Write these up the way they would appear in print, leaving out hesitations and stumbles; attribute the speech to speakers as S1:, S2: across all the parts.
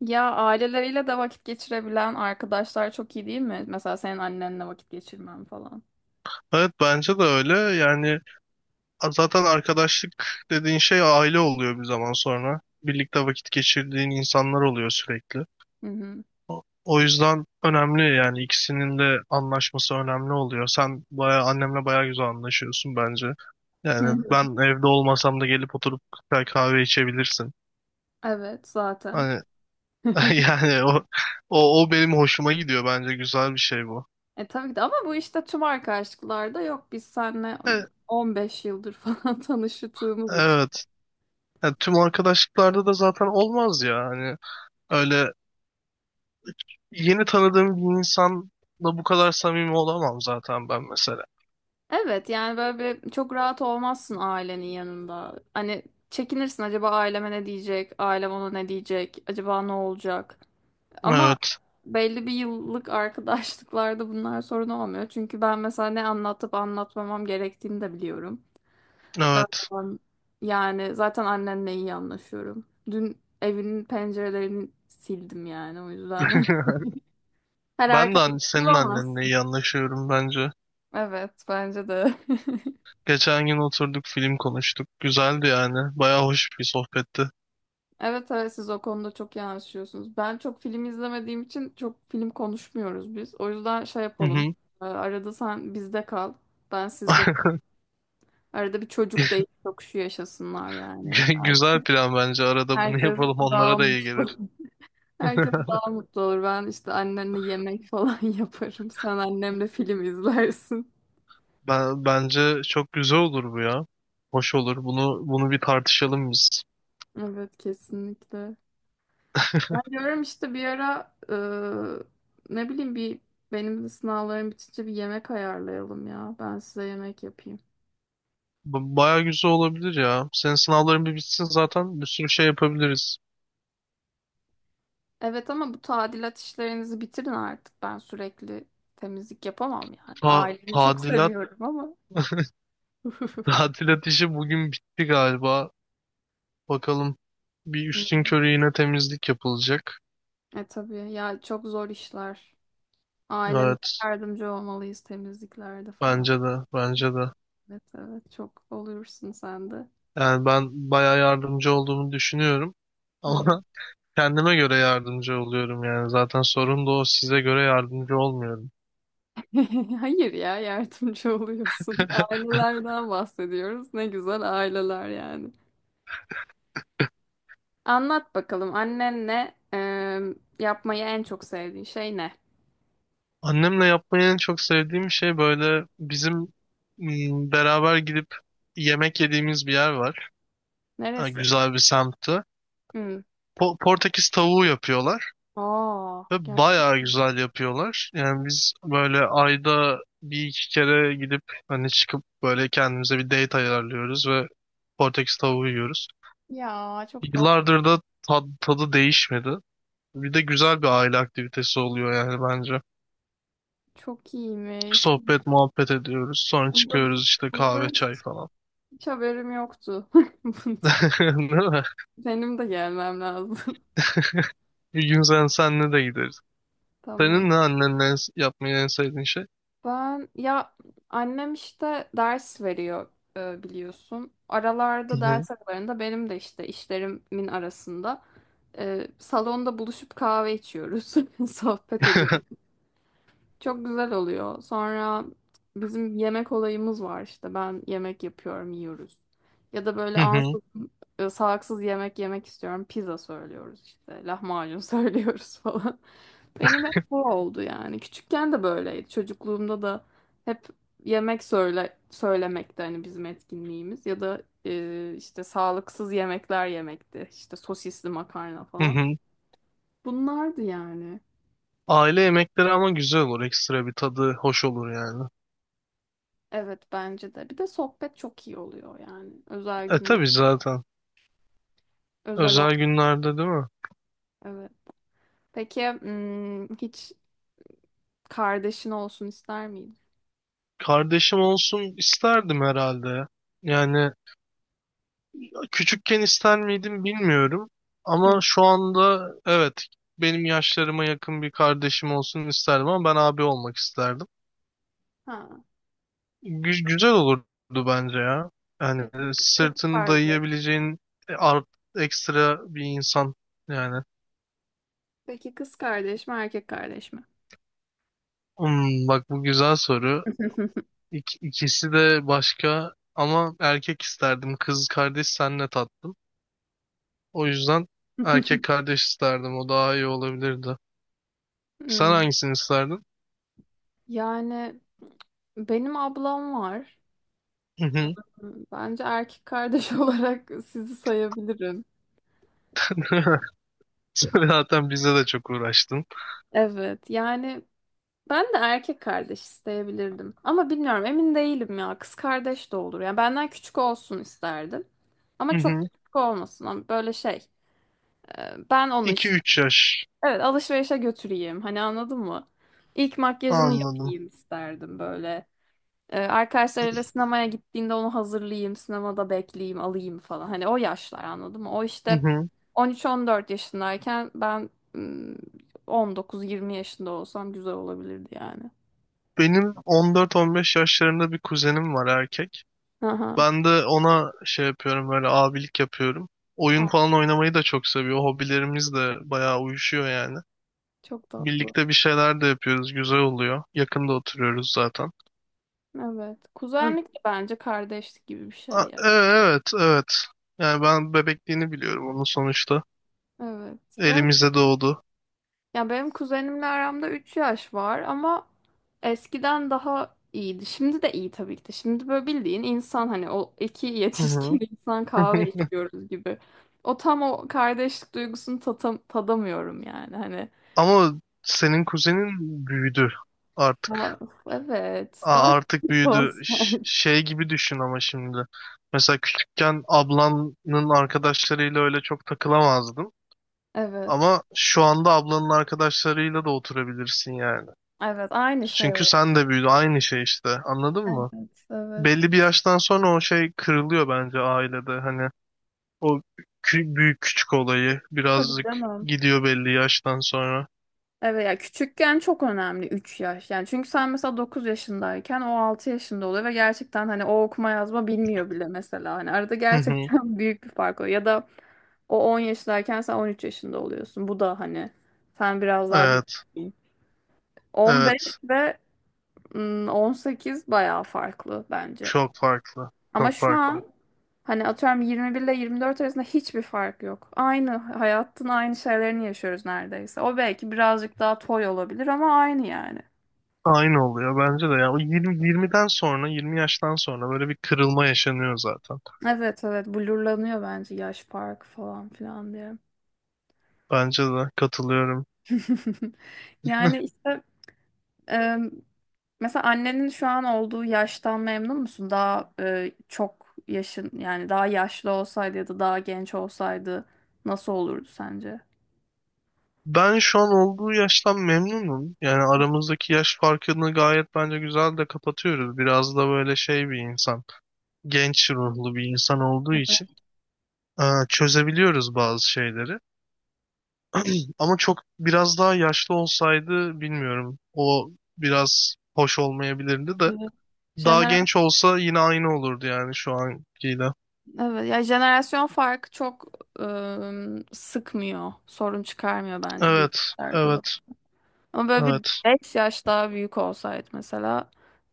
S1: Ya aileleriyle de vakit geçirebilen arkadaşlar çok iyi değil mi? Mesela senin annenle vakit geçirmem falan.
S2: Evet bence de öyle. Yani zaten arkadaşlık dediğin şey aile oluyor bir zaman sonra. Birlikte vakit geçirdiğin insanlar oluyor sürekli.
S1: Hı hı.
S2: O yüzden önemli yani ikisinin de anlaşması önemli oluyor. Sen bayağı annemle bayağı güzel anlaşıyorsun bence.
S1: Hı
S2: Yani
S1: hı.
S2: ben evde olmasam da gelip oturup güzel kahve içebilirsin.
S1: Evet zaten.
S2: Hani yani o benim hoşuma gidiyor bence güzel bir şey bu.
S1: E tabii ki de ama bu işte tüm arkadaşlıklarda yok. Biz seninle
S2: E,
S1: 15 yıldır falan tanıştığımız için.
S2: evet. Yani tüm arkadaşlıklarda da zaten olmaz ya. Hani öyle. Yeni tanıdığım bir insanla bu kadar samimi olamam zaten ben mesela.
S1: Evet yani böyle bir çok rahat olmazsın ailenin yanında. Hani çekinirsin acaba aileme ne diyecek? Ailem ona ne diyecek? Acaba ne olacak? Ama
S2: Evet,
S1: belli bir yıllık arkadaşlıklarda bunlar sorun olmuyor. Çünkü ben mesela ne anlatıp anlatmamam gerektiğini de biliyorum. Ee,
S2: evet.
S1: Yani zaten annenle iyi anlaşıyorum. Dün evinin pencerelerini sildim yani o yüzden. Her
S2: Ben de
S1: arkadaş
S2: senin annenle
S1: bulamazsın.
S2: iyi anlaşıyorum bence.
S1: Evet bence de.
S2: Geçen gün oturduk film konuştuk. Güzeldi yani. Baya hoş bir sohbetti.
S1: Evet, evet, siz o konuda çok iyi anlaşıyorsunuz. Ben çok film izlemediğim için çok film konuşmuyoruz biz. O yüzden şey
S2: Hı
S1: yapalım.
S2: hı.
S1: Arada sen bizde kal. Ben sizde. Arada bir çocuk da şu yaşasınlar yani.
S2: Güzel plan bence. Arada bunu
S1: Herkes
S2: yapalım
S1: daha
S2: onlara da iyi
S1: mutlu.
S2: gelir.
S1: Herkes daha mutlu olur. Ben işte annenle yemek falan yaparım. Sen annemle film izlersin.
S2: Bence çok güzel olur bu ya. Hoş olur. Bunu bir tartışalım biz.
S1: Evet kesinlikle. Ben diyorum işte bir ara ne bileyim bir benim de sınavlarım bitince bir yemek ayarlayalım ya. Ben size yemek yapayım.
S2: Baya güzel olabilir ya. Senin sınavların bir bitsin zaten bir sürü şey yapabiliriz.
S1: Evet ama bu tadilat işlerinizi bitirin artık. Ben sürekli temizlik yapamam yani.
S2: Ta
S1: Ailemi çok
S2: tadilat,
S1: seviyorum ama.
S2: tadilat işi bugün bitti galiba. Bakalım bir üstün körü yine temizlik yapılacak.
S1: E tabii ya çok zor işler. Ailemize
S2: Evet,
S1: yardımcı olmalıyız temizliklerde falan.
S2: bence de, bence de.
S1: Evet, evet, çok oluyorsun sen de.
S2: Yani ben bayağı yardımcı olduğumu düşünüyorum.
S1: Evet.
S2: Ama kendime göre yardımcı oluyorum yani. Zaten sorun da o, size göre yardımcı olmuyorum.
S1: Hayır ya yardımcı oluyorsun. Ailelerden bahsediyoruz. Ne güzel aileler yani. Anlat bakalım annenle yapmayı en çok sevdiğin şey ne?
S2: Annemle yapmayı en çok sevdiğim şey böyle bizim beraber gidip yemek yediğimiz bir yer var. Ha,
S1: Neresi?
S2: güzel bir semtte.
S1: Hmm.
S2: Portekiz tavuğu yapıyorlar.
S1: Aa,
S2: Ve bayağı
S1: gerçekten.
S2: güzel yapıyorlar. Yani biz böyle ayda bir iki kere gidip hani çıkıp böyle kendimize bir date ayarlıyoruz ve Portekiz tavuğu yiyoruz.
S1: Ya çok tatlı.
S2: Yıllardır da tadı değişmedi. Bir de güzel bir aile aktivitesi oluyor yani bence.
S1: Çok iyiymiş.
S2: Sohbet, muhabbet ediyoruz. Sonra
S1: Bundan,
S2: çıkıyoruz işte kahve,
S1: bundan
S2: çay falan.
S1: hiç haberim yoktu. Bundan.
S2: Değil mi?
S1: Benim de gelmem lazım.
S2: Bir gün senle de gideriz.
S1: Tamam.
S2: Senin ne annenle yapmayı en sevdiğin şey?
S1: Ben ya annem işte ders veriyor biliyorsun.
S2: Hı
S1: Aralarda
S2: hı.
S1: ders aralarında benim de işte işlerimin arasında salonda buluşup kahve içiyoruz. Sohbet ediyoruz. Çok güzel oluyor. Sonra bizim yemek olayımız var işte. Ben yemek yapıyorum, yiyoruz. Ya da böyle
S2: Hı hı.
S1: ansızın salaksız yemek yemek istiyorum. Pizza söylüyoruz işte. Lahmacun söylüyoruz falan. Benim hep bu oldu yani. Küçükken de böyleydi. Çocukluğumda da hep yemek söyle söylemekti hani bizim etkinliğimiz. Ya da işte sağlıksız yemekler yemekti. İşte sosisli makarna
S2: Hı
S1: falan.
S2: hı.
S1: Bunlardı yani.
S2: Aile yemekleri ama güzel olur. Ekstra bir tadı hoş olur yani.
S1: Evet bence de. Bir de sohbet çok iyi oluyor yani. Özel
S2: E
S1: günler.
S2: tabii zaten.
S1: Özel o.
S2: Özel günlerde değil mi?
S1: Evet. Peki hiç kardeşin olsun ister miydin?
S2: Kardeşim olsun isterdim herhalde ya. Yani küçükken ister miydim bilmiyorum. Ama
S1: Hı.
S2: şu anda, evet, benim yaşlarıma yakın bir kardeşim olsun isterdim ama ben abi olmak isterdim.
S1: Ha.
S2: Güzel olurdu bence ya. Yani
S1: Peki kız
S2: sırtını
S1: kardeş.
S2: dayayabileceğin e, art ekstra bir insan yani.
S1: Peki kız kardeş mi erkek kardeş mi?
S2: Bak bu güzel soru. İkisi de başka ama erkek isterdim. Kız kardeş senle tatlım. O yüzden erkek kardeş isterdim. O daha iyi olabilirdi. Sen
S1: Hmm.
S2: hangisini isterdin?
S1: Yani benim ablam var.
S2: Hı hı.
S1: Bence erkek kardeş olarak sizi sayabilirim.
S2: Sen zaten bize de çok uğraştın.
S1: Evet. Yani ben de erkek kardeş isteyebilirdim. Ama bilmiyorum emin değilim ya. Kız kardeş de olur. Yani benden küçük olsun isterdim. Ama
S2: Hı
S1: çok da
S2: hı.
S1: küçük olmasın. Ama böyle şey. Ben onu işte.
S2: 2-3 yaş.
S1: Evet alışverişe götüreyim. Hani anladın mı? İlk makyajını
S2: Anladım.
S1: yapayım isterdim böyle. Arkadaşlarıyla sinemaya gittiğinde onu hazırlayayım. Sinemada bekleyeyim alayım falan. Hani o yaşlar anladın mı? O
S2: Hı
S1: işte
S2: hı.
S1: 13-14 yaşındayken ben 19-20 yaşında olsam güzel olabilirdi yani.
S2: Benim 14-15 yaşlarında bir kuzenim var erkek.
S1: Aha.
S2: Ben de ona şey yapıyorum, böyle abilik yapıyorum. Oyun falan oynamayı da çok seviyor. Hobilerimiz de bayağı uyuşuyor yani.
S1: Çok tatlı.
S2: Birlikte bir şeyler de yapıyoruz. Güzel oluyor. Yakında oturuyoruz zaten.
S1: Evet. Kuzenlik de bence kardeşlik gibi bir şey, ya.
S2: Evet, evet. Yani ben bebekliğini biliyorum onun sonuçta.
S1: Evet. Benim,
S2: Elimizde doğdu.
S1: ya benim kuzenimle aramda 3 yaş var ama eskiden daha iyiydi. Şimdi de iyi tabii ki de. Şimdi böyle bildiğin insan, hani o iki
S2: Hı hı.
S1: yetişkin insan kahve içiyoruz gibi. O tam o kardeşlik duygusunu tadamıyorum yani hani.
S2: Ama senin kuzenin büyüdü artık.
S1: Ya, evet. Daha
S2: Artık
S1: küçük
S2: büyüdü.
S1: olsaydı.
S2: Şey gibi düşün ama şimdi. Mesela küçükken ablanın arkadaşlarıyla öyle çok takılamazdın.
S1: Evet.
S2: Ama şu anda ablanın arkadaşlarıyla da oturabilirsin yani.
S1: Evet. Aynı şey
S2: Çünkü
S1: o.
S2: sen de büyüdü. Aynı şey işte. Anladın
S1: Evet.
S2: mı?
S1: Evet.
S2: Belli bir yaştan sonra o şey kırılıyor bence ailede. Hani o büyük küçük olayı
S1: Tabii
S2: birazcık
S1: canım.
S2: gidiyor belli yaştan sonra.
S1: Evet ya, küçükken çok önemli 3 yaş. Yani çünkü sen mesela 9 yaşındayken o 6 yaşında oluyor ve gerçekten hani o okuma yazma bilmiyor bile mesela. Hani arada
S2: Hı hı.
S1: gerçekten büyük bir fark oluyor. Ya da o 10 yaşındayken sen 13 yaşında oluyorsun. Bu da hani sen biraz daha büyük.
S2: Evet,
S1: 15
S2: evet.
S1: ve 18 bayağı farklı bence.
S2: Çok farklı.
S1: Ama
S2: Çok
S1: şu
S2: farklı.
S1: an hani atıyorum 21 ile 24 arasında hiçbir fark yok. Aynı hayatın aynı şeylerini yaşıyoruz neredeyse. O belki birazcık daha toy olabilir ama aynı yani.
S2: Aynı oluyor bence de. Yani o 20 yaştan sonra böyle bir kırılma yaşanıyor zaten.
S1: Evet, evet, blurlanıyor bence yaş farkı falan filan diye.
S2: Bence de katılıyorum.
S1: Yani işte e, mesela annenin şu an olduğu yaştan memnun musun? Daha çok yaşın yani daha yaşlı olsaydı ya da daha genç olsaydı nasıl olurdu sence?
S2: Ben şu an olduğu yaştan memnunum. Yani aramızdaki yaş farkını gayet bence güzel de kapatıyoruz. Biraz da böyle şey bir insan, genç ruhlu bir insan olduğu
S1: Evet,
S2: için. Aa, çözebiliyoruz bazı şeyleri. Ama çok biraz daha yaşlı olsaydı bilmiyorum. O biraz hoş olmayabilirdi de.
S1: evet.
S2: Daha
S1: Jenera
S2: genç olsa yine aynı olurdu yani şu ankiyle.
S1: evet. Ya jenerasyon farkı çok e, sıkmıyor, sorun çıkarmıyor bence bu
S2: Evet,
S1: yaşlarda.
S2: evet,
S1: Ama böyle bir
S2: evet.
S1: 5 yaş daha büyük olsaydı mesela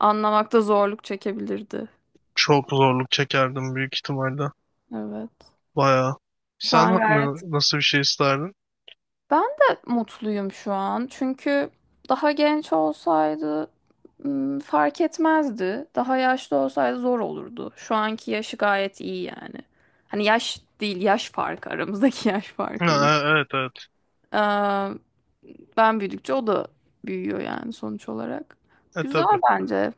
S1: anlamakta zorluk çekebilirdi.
S2: Çok zorluk çekerdim büyük ihtimalle.
S1: Evet.
S2: Bayağı.
S1: Şu
S2: Sen
S1: an gayet
S2: nasıl bir şey isterdin?
S1: ben de mutluyum şu an. Çünkü daha genç olsaydı fark etmezdi. Daha yaşlı olsaydı zor olurdu. Şu anki yaşı gayet iyi yani. Hani yaş değil, yaş farkı, aramızdaki yaş farkı iyi.
S2: Ha, evet, evet.
S1: Ee, ben büyüdükçe o da büyüyor yani sonuç olarak.
S2: E
S1: Güzel
S2: tabii.
S1: bence.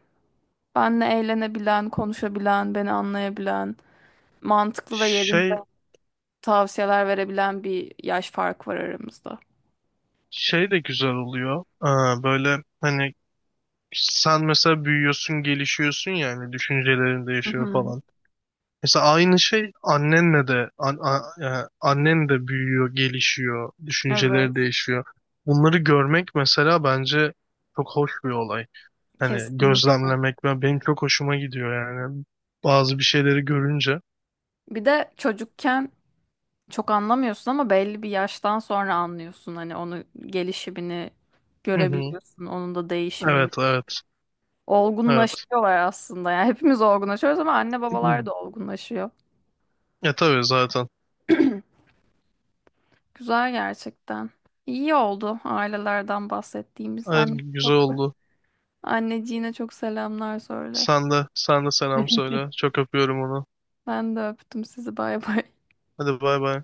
S1: Benle eğlenebilen, konuşabilen, beni anlayabilen, mantıklı ve yerinde
S2: Şey,
S1: tavsiyeler verebilen bir yaş farkı var aramızda.
S2: şey de güzel oluyor. Aa, böyle hani sen mesela büyüyorsun, gelişiyorsun yani düşüncelerin
S1: Hı
S2: değişiyor
S1: hı.
S2: falan. Mesela aynı şey annenle de annen de büyüyor, gelişiyor, düşünceleri
S1: Evet.
S2: değişiyor. Bunları görmek mesela bence çok hoş bir olay. Hani
S1: Kesinlikle.
S2: gözlemlemek ve benim çok hoşuma gidiyor yani. Bazı bir şeyleri görünce.
S1: Bir de çocukken çok anlamıyorsun ama belli bir yaştan sonra anlıyorsun. Hani onu gelişimini
S2: Hı hı.
S1: görebiliyorsun, onun da değişimini.
S2: Evet, evet, evet.
S1: Olgunlaşıyorlar aslında. Yani hepimiz olgunlaşıyoruz ama anne babalar da olgunlaşıyor.
S2: Ya tabii zaten.
S1: Güzel gerçekten. İyi oldu ailelerden bahsettiğimiz.
S2: Evet, güzel oldu.
S1: Anneciğine çok selamlar söyle.
S2: Sen de, sen de selam söyle. Çok öpüyorum onu.
S1: Ben de öptüm sizi, bay bay.
S2: Hadi bay bay.